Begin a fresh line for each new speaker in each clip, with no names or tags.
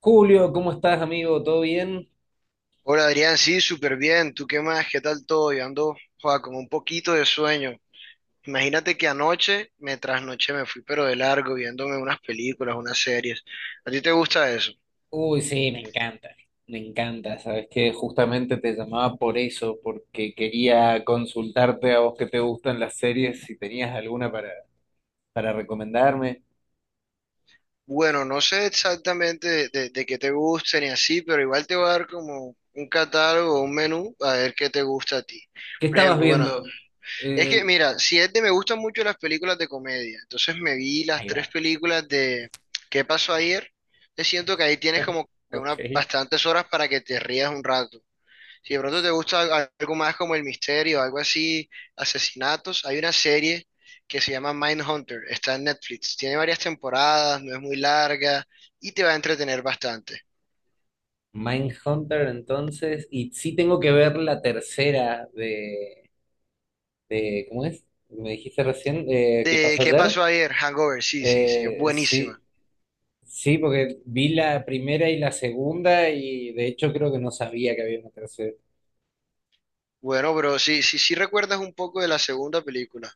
Julio, ¿cómo estás, amigo? ¿Todo bien?
Hola Adrián, sí, súper bien. ¿Tú qué más? ¿Qué tal todo? Yo ando, joa, con un poquito de sueño. Imagínate que anoche me trasnoché, me fui pero de largo viéndome unas películas, unas series. ¿A ti te gusta eso?
Uy, sí, me encanta, me encanta. Sabes que justamente te llamaba por eso, porque quería consultarte a vos que te gustan las series, si tenías alguna para recomendarme.
Bueno, no sé exactamente de qué te gusten y así, pero igual te voy a dar como un catálogo, un menú, a ver qué te gusta a ti.
¿Qué
Por
estabas
ejemplo, bueno,
viendo?
es que
El-
mira, si es de, me gustan mucho las películas de comedia, entonces me vi las
Ahí va,
tres películas de ¿Qué pasó ayer? Te siento que ahí tienes como que unas
ok.
bastantes horas para que te rías un rato. Si de pronto te gusta algo más como el misterio, algo así, asesinatos, hay una serie que se llama Mindhunter, está en Netflix, tiene varias temporadas, no es muy larga y te va a entretener bastante.
Mindhunter, entonces, y sí tengo que ver la tercera de, ¿cómo es? Me dijiste recién, ¿qué
¿De
pasó
qué
ayer?
pasó ayer? Hangover, sí, sí, sí, es
Eh,
buenísima.
sí, Sí, porque vi la primera y la segunda y de hecho creo que no sabía que había una tercera.
Bueno, bro, sí, sí, sí recuerdas un poco de la segunda película.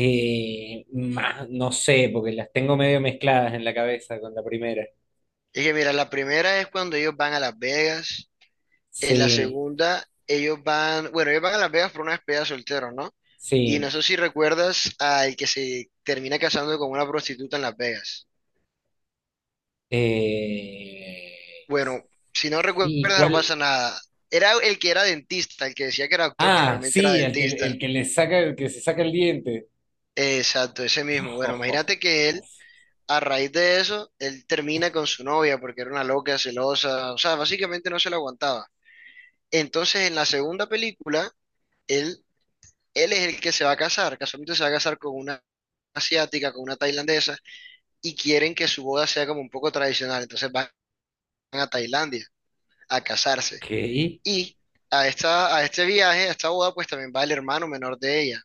Más, no sé, porque las tengo medio mezcladas en la cabeza con la primera.
Es que mira, la primera es cuando ellos van a Las Vegas, en la
Sí,
segunda ellos van, bueno, ellos van a Las Vegas por una despedida de soltero, ¿no? Y no
sí.
sé si recuerdas al que se termina casando con una prostituta en Las Vegas.
Eh,
Bueno, si no
sí,
recuerdas no
¿cuál?
pasa nada. Era el que era dentista, el que decía que era doctor, pero
Ah,
realmente era
sí,
dentista.
el que le saca, el que se saca el diente.
Exacto, ese mismo. Bueno, imagínate que él, a raíz de eso, él termina con su novia porque era una loca, celosa, o sea, básicamente no se la aguantaba. Entonces, en la segunda película, él él es el que se va a casar, casualmente se va a casar con una asiática, con una tailandesa, y quieren que su boda sea como un poco tradicional, entonces van a Tailandia a casarse.
Ok,
Y a esta, a este viaje, a esta boda, pues también va el hermano menor de ella.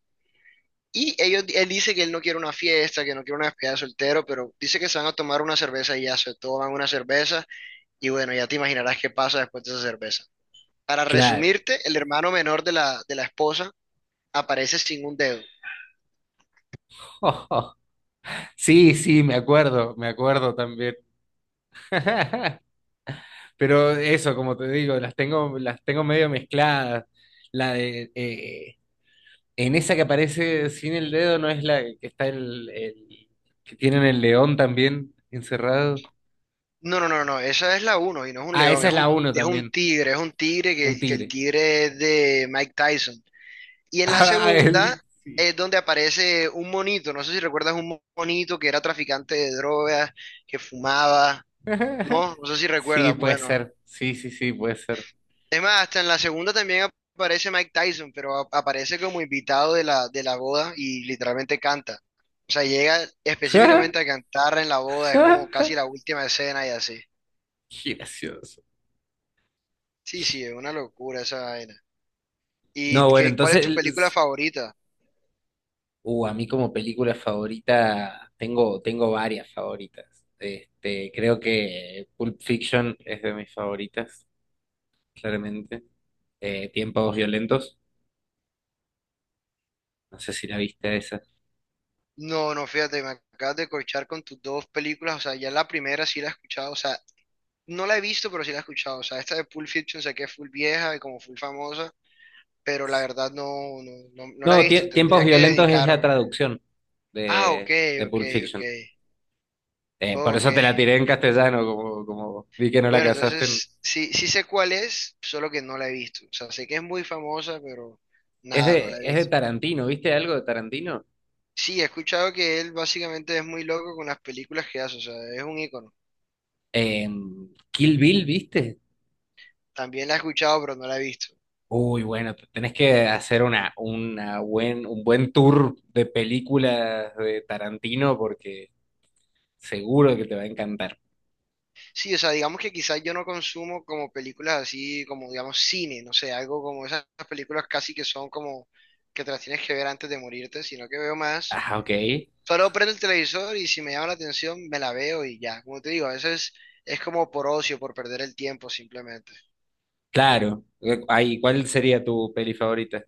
Y ellos, él dice que él no quiere una fiesta, que no quiere una despedida de soltero, pero dice que se van a tomar una cerveza y ya se toman una cerveza y bueno, ya te imaginarás qué pasa después de esa cerveza. Para
claro.
resumirte, el hermano menor de la esposa aparece sin un dedo.
Sí, sí, me acuerdo también. Pero eso, como te digo, las tengo medio mezcladas. La de en esa que aparece sin el dedo, ¿no es la que está que tienen el león también encerrado?
No, no, no, no, no, esa es la uno y no es un
Ah,
león,
esa es la uno también,
es un tigre
un
que el
tigre.
tigre es de Mike Tyson. Y en la
Ah,
segunda
él, sí.
es donde aparece un monito, no sé si recuerdas un monito que era traficante de drogas, que fumaba, no, no sé si
Sí,
recuerdas,
puede
bueno.
ser. Sí, sí, sí, puede ser.
Es más, hasta en la segunda también aparece Mike Tyson, pero aparece como invitado de la boda y literalmente canta. O sea, llega específicamente a cantar en la boda, es como casi la última escena y así.
Qué gracioso.
Sí, sí, es una locura esa vaina. ¿Y
No, bueno,
qué, cuál es tu película
entonces
favorita?
A mí como película favorita tengo, tengo varias favoritas. Este, creo que Pulp Fiction es de mis favoritas, claramente. Tiempos Violentos, no sé si la viste esa.
No, no, fíjate, me acabas de corchar con tus dos películas, o sea, ya la primera sí la he escuchado, o sea, no la he visto, pero sí la he escuchado, o sea, esta de Pulp Fiction sé que es full vieja y como full famosa, pero la verdad no, no, no, no la he
No,
visto,
Tiempos
tendría que
Violentos es la
dedicarme.
traducción
Ah, ok,
de
ok,
Pulp
ok,
Fiction. Por
ok.
eso te la tiré en castellano, como, como vi que no la
Bueno,
casaste.
entonces sí, sí sé cuál es, solo que no la he visto, o sea, sé que es muy famosa, pero nada, no la he
Es de
visto.
Tarantino, ¿viste algo de Tarantino?
Sí, he escuchado que él básicamente es muy loco con las películas que hace, o sea, es un ícono.
Kill Bill, ¿viste?
También la he escuchado, pero no la he visto.
Uy, bueno, tenés que hacer una buen, un buen tour de películas de Tarantino porque seguro que te va a encantar.
Sí, o sea, digamos que quizás yo no consumo como películas así, como digamos cine, no sé, algo como esas películas casi que son como que te las tienes que ver antes de morirte, sino que veo más.
Ah, ok.
Solo prendo el televisor y si me llama la atención me la veo y ya. Como te digo, a veces es como por ocio, por perder el tiempo simplemente.
Claro. Ay, ¿cuál sería tu peli favorita?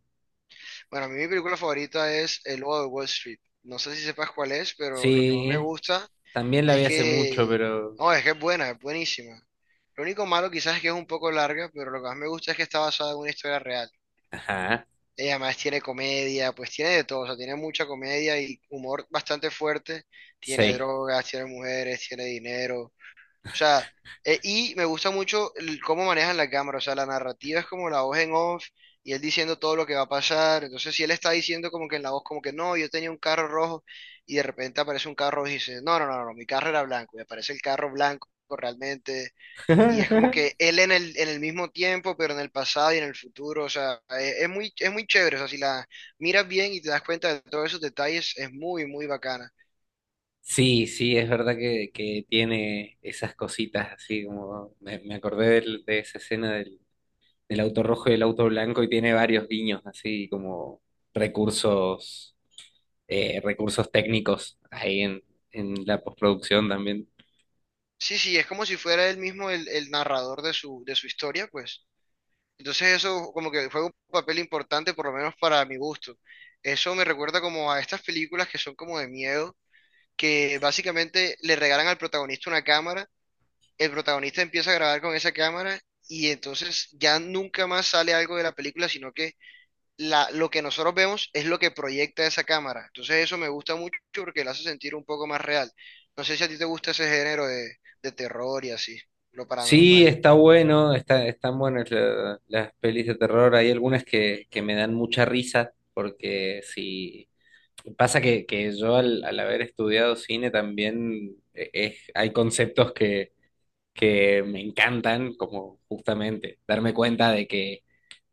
Bueno, a mí mi película favorita es El Lobo de Wall Street. No sé si sepas cuál es, pero lo que más me
Sí,
gusta.
también la
Es
vi hace mucho,
que
pero...
no, es que es buena, es buenísima. Lo único malo quizás es que es un poco larga, pero lo que más me gusta es que está basada en una historia real.
Ajá,
Ella además tiene comedia, pues tiene de todo, o sea, tiene mucha comedia y humor bastante fuerte. Tiene
sí.
drogas, tiene mujeres, tiene dinero. O sea, y me gusta mucho cómo manejan la cámara, o sea, la narrativa es como la voz en off y él diciendo todo lo que va a pasar. Entonces, si él está diciendo como que en la voz, como que no, yo tenía un carro rojo y de repente aparece un carro rojo y dice, no, no, no, no, mi carro era blanco y aparece el carro blanco realmente. Y es como que él en el mismo tiempo, pero en el pasado y en el futuro, o sea, es muy chévere, o sea, si la miras bien y te das cuenta de todos esos detalles, es muy, muy bacana.
Sí, sí, es verdad que tiene esas cositas así como... Me acordé de, esa escena del, el auto rojo y el auto blanco y tiene varios guiños, así como recursos, recursos técnicos ahí en la postproducción también.
Sí, sí, es como si fuera él mismo el narrador de su historia, pues. Entonces eso como que fue un papel importante, por lo menos para mi gusto. Eso me recuerda como a estas películas que son como de miedo, que básicamente le regalan al protagonista una cámara, el protagonista empieza a grabar con esa cámara y entonces ya nunca más sale algo de la película, sino que la, lo que nosotros vemos es lo que proyecta esa cámara. Entonces eso me gusta mucho porque la hace sentir un poco más real. No sé si a ti te gusta ese género de terror y así, lo
Sí,
paranormal.
está bueno, está, están buenas las pelis de terror. Hay algunas que me dan mucha risa, porque si pasa que yo al, al haber estudiado cine también hay conceptos que me encantan, como justamente darme cuenta de que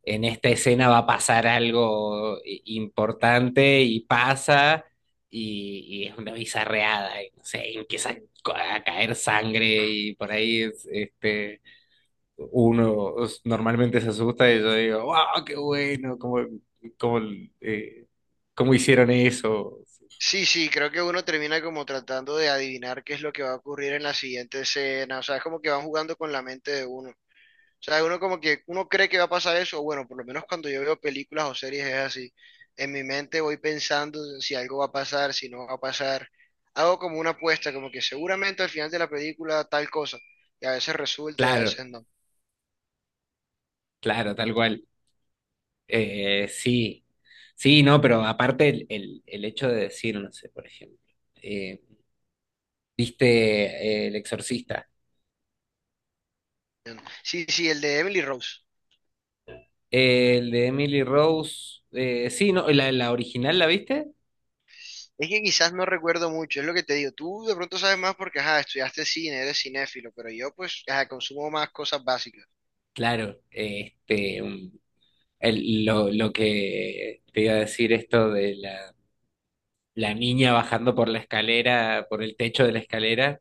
en esta escena va a pasar algo importante y pasa y es una bizarreada, y, no sé, y empieza a caer sangre y por ahí este, uno normalmente se asusta y yo digo, wow, qué bueno, cómo, cómo, eh, cómo hicieron eso.
Sí, sí, creo que uno termina como tratando de adivinar qué es lo que va a ocurrir en la siguiente escena, o sea, es como que van jugando con la mente de uno. O sea, uno como que uno cree que va a pasar eso, o bueno, por lo menos cuando yo veo películas o series es así. En mi mente voy pensando si algo va a pasar, si no va a pasar. Hago como una apuesta, como que seguramente al final de la película tal cosa, y a veces resulta y a
Claro,
veces no.
claro, tal cual. Eh, sí, sí, no, pero aparte el, el hecho de decir, no sé, por ejemplo, eh, ¿viste El Exorcista?
Sí, sí, el de Emily Rose.
El de Emily Rose. Sí, no, la original, ¿la viste?
Es que quizás no recuerdo mucho, es lo que te digo. Tú de pronto sabes más porque, ajá, estudiaste cine, eres cinéfilo, pero yo pues, ajá, consumo más cosas básicas.
Claro, este, lo que te iba a decir esto de la, la niña bajando por la escalera, por el techo de la escalera,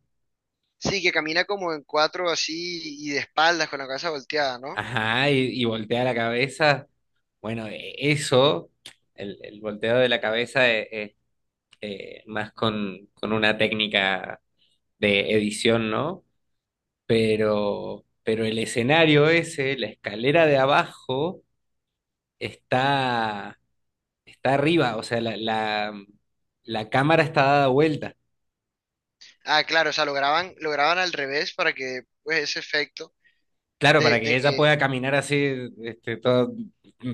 Sí, que camina como en cuatro así y de espaldas con la cabeza volteada, ¿no?
ajá, y voltea la cabeza. Bueno, eso, el volteo de la cabeza es, más con una técnica de edición, ¿no? Pero el escenario ese, la escalera de abajo está, está arriba, o sea, la cámara está dada vuelta.
Ah, claro, o sea, lo graban al revés para que, pues, ese efecto
Claro, para que
de
ella
que.
pueda caminar así, este, toda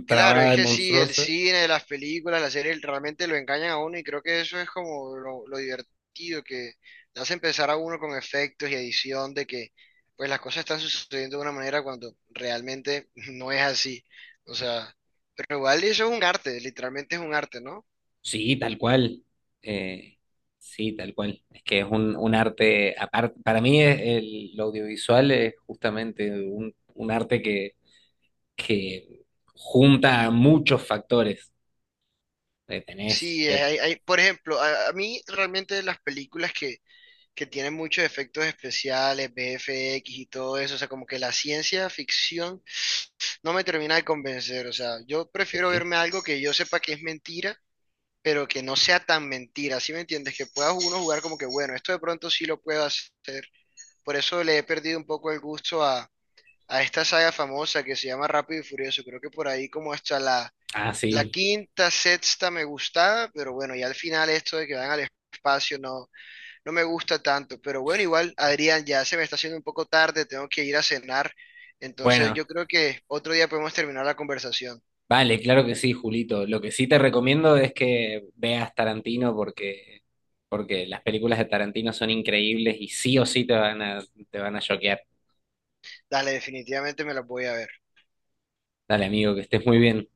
Claro,
trabada
es
y
que sí, el
monstruosa.
cine, las películas, las series realmente lo engañan a uno y creo que eso es como lo divertido, que le hace empezar a uno con efectos y edición, de que pues las cosas están sucediendo de una manera cuando realmente no es así. O sea, pero igual eso es un arte, literalmente es un arte, ¿no?
Sí, tal cual. Eh, sí, tal cual. Es que es un arte, aparte, para mí es el, lo audiovisual es justamente un arte que junta muchos factores. Tenés,
Sí, hay, por ejemplo, a mí realmente las películas que tienen muchos efectos especiales, VFX y todo eso, o sea, como que la ciencia ficción no me termina de convencer. O sea, yo
ok.
prefiero verme algo que yo sepa que es mentira, pero que no sea tan mentira. ¿Sí me entiendes? Que pueda uno jugar como que, bueno, esto de pronto sí lo puedo hacer. Por eso le he perdido un poco el gusto a esta saga famosa que se llama Rápido y Furioso. Creo que por ahí como hasta la,
Ah,
la
sí.
quinta, sexta me gustaba, pero bueno, ya al final esto de que van al espacio no, no me gusta tanto. Pero bueno, igual, Adrián, ya se me está haciendo un poco tarde, tengo que ir a cenar. Entonces
Bueno.
yo creo que otro día podemos terminar la conversación.
Vale, claro que sí, Julito. Lo que sí te recomiendo es que veas Tarantino porque, porque las películas de Tarantino son increíbles y sí o sí te van a choquear.
Dale, definitivamente me las voy a ver.
Dale, amigo, que estés muy bien.